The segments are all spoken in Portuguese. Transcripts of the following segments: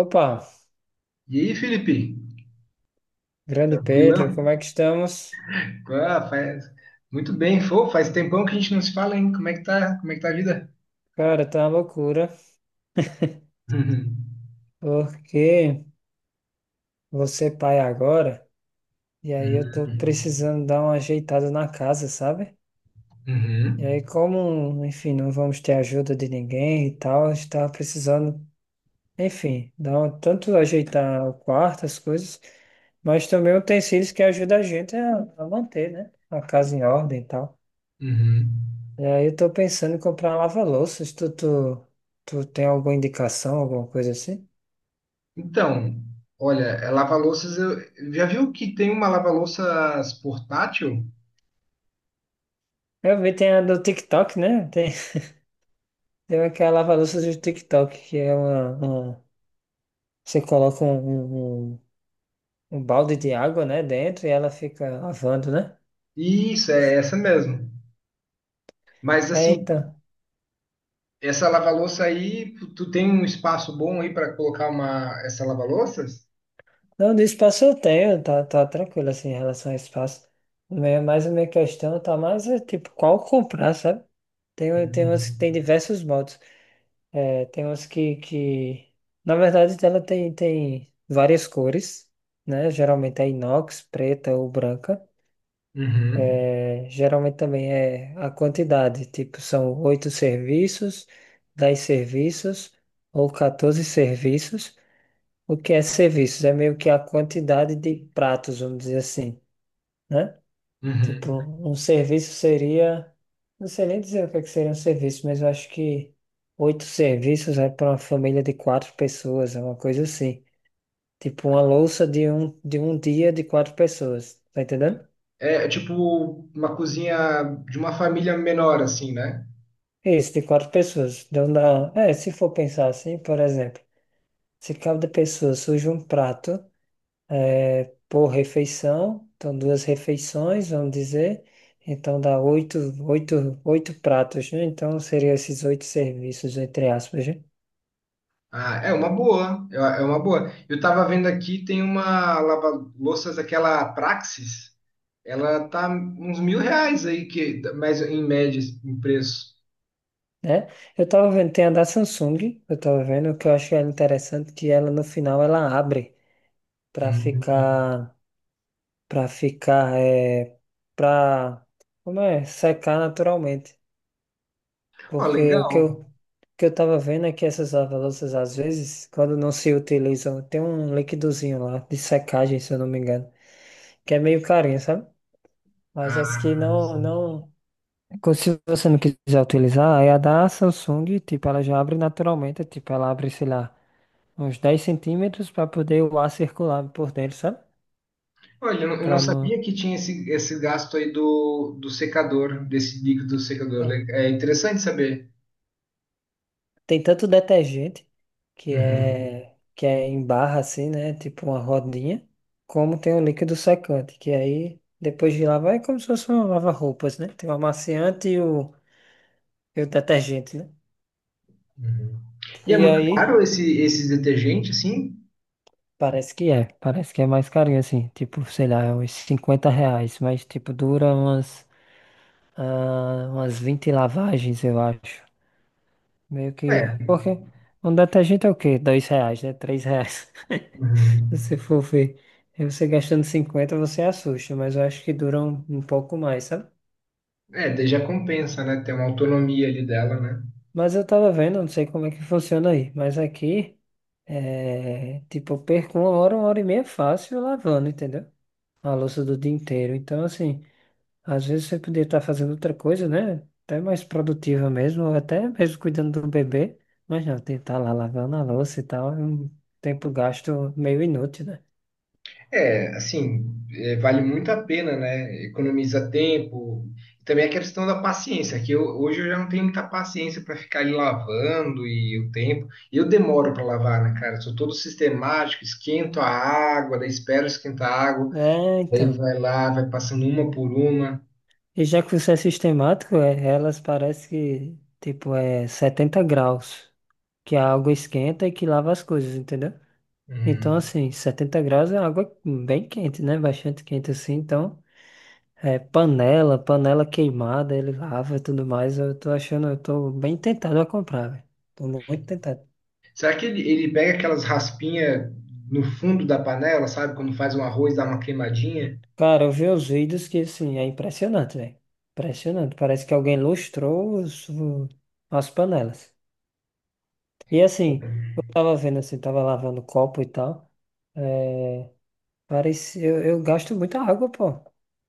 Opa, E aí, Felipe? grande Pedro, Tranquilão? como é que estamos? Ah, faz... Muito bem, pô, faz tempão que a gente não se fala, hein? Como é que tá? Como é que tá a vida? Cara, tá uma loucura, porque você é pai agora, e aí eu tô Uhum. precisando dar uma ajeitada na casa, sabe? Uhum. E aí, Uhum. como, enfim, não vamos ter ajuda de ninguém e tal, a gente tava precisando, enfim, tanto ajeitar o quarto, as coisas, mas também utensílios que ajudam a gente a manter, né? A casa em ordem e tal. Uhum. E aí eu tô pensando em comprar lava-louças, tu tem alguma indicação, alguma coisa assim? Então, olha, lava-louças, já viu que tem uma lava-louças portátil? Eu vi, tem a do TikTok, né? Tem aquela lava-louças do TikTok, que é uma. Você coloca um balde de água, né, dentro e ela fica lavando, né? Isso, é essa mesmo. Mas É, assim, então. essa lava-louça aí, tu tem um espaço bom aí para colocar uma essa lava-louças? Não, do espaço eu tenho, tá tranquilo, assim, em relação ao espaço. Mas a minha questão tá mais, é, tipo, qual comprar, sabe? Tem umas que tem Uhum. diversos modos. É, tem umas que... Na verdade, ela tem várias cores, né? Geralmente é inox, preta ou branca. Uhum. É, geralmente também é a quantidade, tipo, são oito serviços, 10 serviços ou 14 serviços. O que é serviços? É meio que a quantidade de pratos, vamos dizer assim, né? Uhum. Tipo, um serviço seria. Não sei nem dizer o que é que seria um serviço, mas eu acho que oito serviços é para uma família de quatro pessoas, é uma coisa assim. Tipo, uma louça de um dia de quatro pessoas, tá entendendo? É tipo uma cozinha de uma família menor, assim, né? Isso, de quatro pessoas. Então dá. É, se for pensar assim, por exemplo, se cada pessoa surge um prato é, por refeição, então duas refeições, vamos dizer, então dá oito, oito pratos, né? Então seriam esses oito serviços, entre aspas, né? Ah, é uma boa, é uma boa. Eu tava vendo aqui, tem uma lava-louças, aquela Praxis, ela tá uns 1.000 reais aí, mas em média, em preço. Né? Eu tava vendo, tem a da Samsung, eu tava vendo, que eu acho ela interessante, que ela no final ela abre para Hum. ficar, para ficar, é, para, como é, secar naturalmente. Ó, Porque o que eu, legal. o que eu tava vendo é que essas lava-louças, às vezes, quando não se utilizam, tem um liquidozinho lá de secagem, se eu não me engano, que é meio carinho, sabe? Mas as que Ah, não, sim. não, se você não quiser utilizar, aí a da Samsung, tipo, ela já abre naturalmente, tipo, ela abre, sei lá, uns 10 cm para poder o ar circular por dentro, sabe? Olha, eu não Para não. sabia É. que tinha esse gasto aí do secador, desse líquido secador. É interessante saber. Tem tanto detergente, que Uhum. é, que é em barra assim, né? Tipo uma rodinha, como tem o líquido secante, que aí depois de lavar é como se fosse um lava-roupas, né? Tem o amaciante e o detergente, né? Uhum. E é E muito aí, caro esses detergentes, assim? parece que é mais carinho assim, tipo, sei lá, é uns R$ 50, mas tipo, dura umas 20 lavagens, eu acho. Meio que, É. porque um detergente é o quê? R$ 2, né? R$ 3. Se você Uhum. for ver, aí você gastando 50 você assusta, mas eu acho que dura um pouco mais, sabe? É, daí já compensa, né? Ter uma autonomia ali dela, né? Mas eu tava vendo, não sei como é que funciona aí, mas aqui, é, tipo, eu perco uma hora e meia fácil lavando, entendeu? A louça do dia inteiro. Então, assim, às vezes você poderia estar fazendo outra coisa, né? Até mais produtiva mesmo, ou até mesmo cuidando do bebê, mas não, tem que estar lá lavando a louça e tal, é um tempo gasto meio inútil, né? É, assim, é, vale muito a pena, né? Economiza tempo. Também a questão da paciência, hoje eu já não tenho muita paciência para ficar ali lavando e o tempo. E eu demoro para lavar, né, cara? Sou todo sistemático, esquento a água, daí espero esquentar a água, É, daí então. vai lá, vai passando uma por uma. E já que você é sistemático, é, elas parece que, tipo, é 70 graus, que a água esquenta e que lava as coisas, entendeu? Então, Hum. assim, 70 graus é água bem quente, né? Bastante quente, assim. Então, é panela, panela queimada, ele lava e tudo mais. Eu tô achando, eu tô bem tentado a comprar, velho. Tô muito tentado. Será que ele pega aquelas raspinhas no fundo da panela, sabe? Quando faz um arroz, dá uma queimadinha? Cara, eu vi os vídeos que, assim, é impressionante, velho. Impressionante. Parece que alguém lustrou as panelas. E assim, eu tava vendo assim, tava lavando copo e tal. É, parece, eu gasto muita água, pô.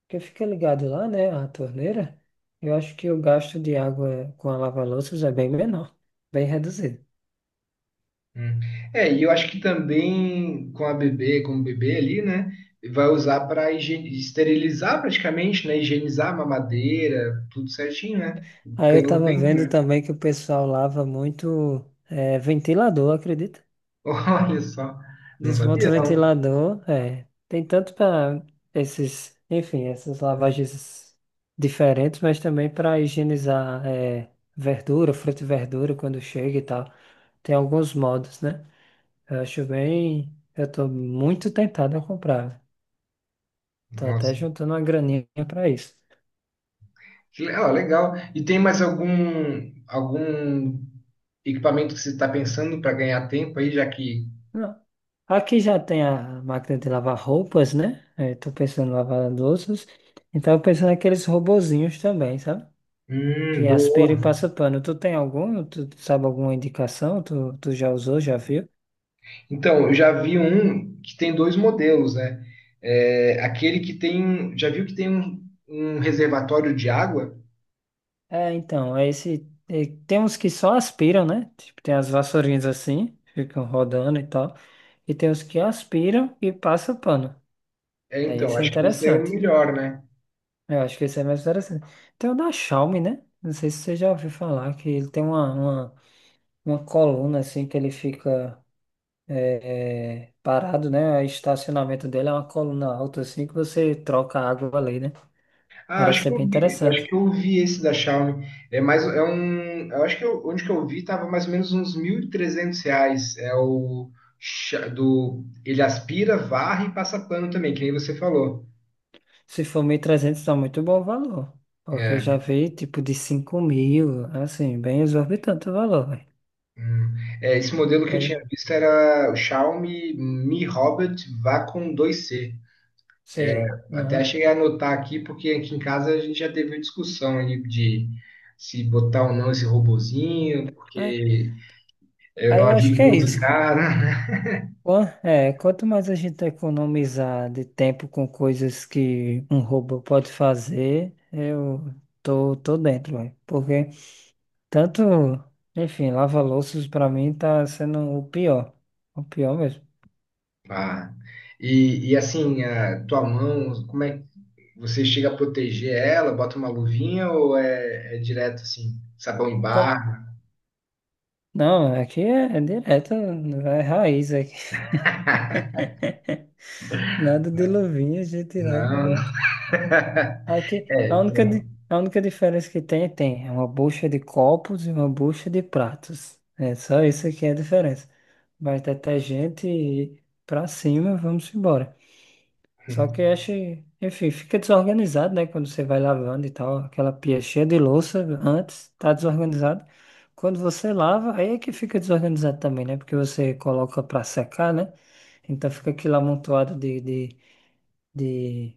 Porque fica ligado lá, né? A torneira. Eu acho que o gasto de água com a lava-louças é bem menor, bem reduzido. Hum. É, e eu acho que também com a bebê, com o bebê ali, né? Vai usar para esterilizar praticamente, né? Higienizar a mamadeira, tudo certinho, né? Aí eu Ganhou tava tempo, vendo né? também que o pessoal lava muito, é, ventilador, acredita? Olha só, não Desmonta sabia o não. ventilador, é. Tem tanto para esses, enfim, essas lavagens diferentes, mas também para higienizar é, verdura, fruta e verdura quando chega e tal. Tem alguns modos, né? Eu acho bem. Eu tô muito tentado a comprar. Tô até Nossa, juntando uma graninha para isso. Ó, legal. E tem mais algum equipamento que você está pensando para ganhar tempo aí, já que? Não. Aqui já tem a máquina de lavar roupas, né? É, tô pensando em lavar louças. Então, eu pensando naqueles robozinhos também, sabe? Que é aspira e Boa. passa pano. Tu tem algum? Tu sabe alguma indicação? Tu já usou, já viu? Então, eu já vi um que tem dois modelos, né? É, aquele que tem. Já viu que tem um reservatório de água? É, então, é esse. É, tem uns que só aspiram, né? Tipo, tem as vassourinhas assim, ficam rodando e tal. E tem os que aspiram e passa pano. É, Aí então, esse é acho que esse é o interessante. melhor, né? Eu acho que esse é mais interessante. Tem o da Xiaomi, né? Não sei se você já ouviu falar, que ele tem uma coluna assim que ele fica. É, parado, né? O estacionamento dele é uma coluna alta assim que você troca a água ali, né? Ah, Parece ser bem acho interessante. que eu vi esse da Xiaomi. É mais, é um, eu acho que eu- onde que eu vi tava mais ou menos uns 1.300 reais. É o, ele aspira, varre e passa pano também, que nem você falou. Se for 1.300 tá muito bom o valor. Porque eu já É, vi tipo de 5.000, assim, bem exorbitante o valor, velho. hum. É, esse modelo que eu É, tinha visto era o Xiaomi Mi Robot Vacuum 2C. É, sei. Até Aham. cheguei a anotar aqui, porque aqui em casa a gente já teve uma discussão aí de se botar ou não esse robozinho, É, porque eu aí não eu acho ajudo que é muito em isso. casa. Quanto mais a gente economizar de tempo com coisas que um robô pode fazer, eu tô dentro, velho. Porque tanto, enfim, lava-louças pra mim tá sendo o pior. O pior mesmo. Ah, e assim, a tua mão, como é que você chega a proteger ela? Bota uma luvinha ou é direto assim, sabão em barra? Não, aqui é direto, é raiz aqui. Nada de luvinha, a gente lava, Não. né? Aqui, É, a única, di- então. a única diferença que tem. É uma bucha de copos e uma bucha de pratos. É só isso que é a diferença. Mas detergente e pra cima, vamos embora. Só que acho, enfim, fica desorganizado, né? Quando você vai lavando e tal, aquela pia cheia de louça antes, tá desorganizado. Quando você lava, aí é que fica desorganizado também, né? Porque você coloca pra secar, né? Então fica aquilo amontoado de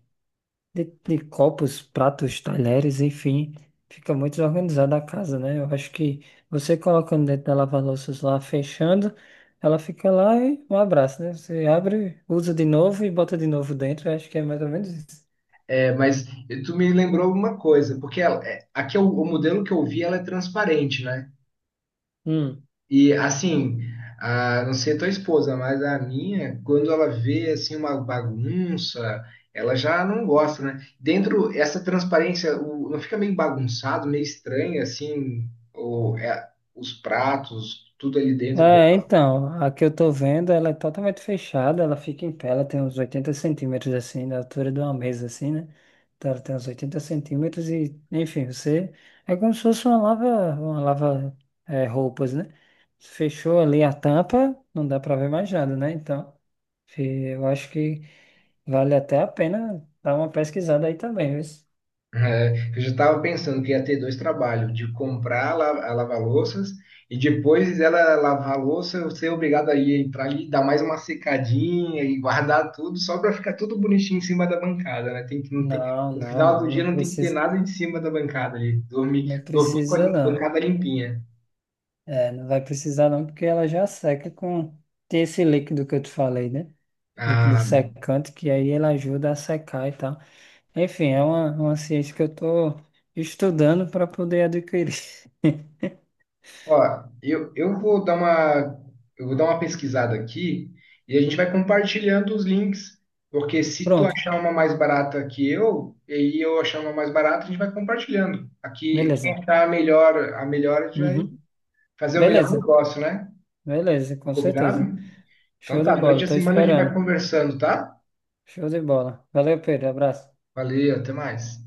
de copos, pratos, talheres, enfim, fica muito desorganizada a casa, né? Eu acho que você colocando dentro da lava-louças lá, fechando, ela fica lá e um abraço, né? Você abre, usa de novo e bota de novo dentro. Eu acho que é mais ou menos isso. É, mas tu me lembrou uma coisa, porque ela, é, aqui é o modelo que eu vi, ela é transparente, né? Hum. E assim, a, não sei a tua esposa, mas a minha, quando ela vê assim uma bagunça, ela já não gosta, né? Dentro essa transparência, não fica meio bagunçado, meio estranho assim, o, é, os pratos, tudo ali dentro. É, então, a que eu tô vendo, ela é totalmente fechada, ela fica em pé, ela tem uns 80 cm, assim, da altura de uma mesa, assim, né? Então ela tem uns 80 cm e, enfim, você... É como se fosse uma lava, é, roupas, né? Fechou ali a tampa, não dá pra ver mais nada, né? Então, fi- eu acho que vale até a pena dar uma pesquisada aí também, viu? É, eu já estava pensando que ia ter dois trabalhos, de comprar a lava-louças e depois ela lavar a louça, eu ser obrigado a ir entrar ali, dar mais uma secadinha e guardar tudo só para ficar tudo bonitinho em cima da bancada, né? Tem que não tem, Não, no não, final do não, dia não não tem que ter precisa, nada em cima da bancada ali, não dormir com a precisa, não. bancada limpinha. É, não vai precisar não, porque ela já seca com... Tem esse líquido que eu te falei, né? Líquido Ah. secante, que aí ele ajuda a secar e tal. Enfim, é uma ciência que eu tô estudando para poder adquirir. Ó, eu vou dar eu vou dar uma pesquisada aqui e a gente vai compartilhando os links, porque se tu Pronto, achar uma mais barata que eu, e eu achar uma mais barata, a gente vai compartilhando. Aqui, quem beleza. achar a melhor, a melhor, a gente vai Uhum. fazer o melhor Beleza, negócio, né? beleza, com Combinado? certeza. Então Show de tá, durante bola, a tô semana a gente vai esperando. conversando, tá? Show de bola. Valeu, Pedro, abraço. Valeu, até mais.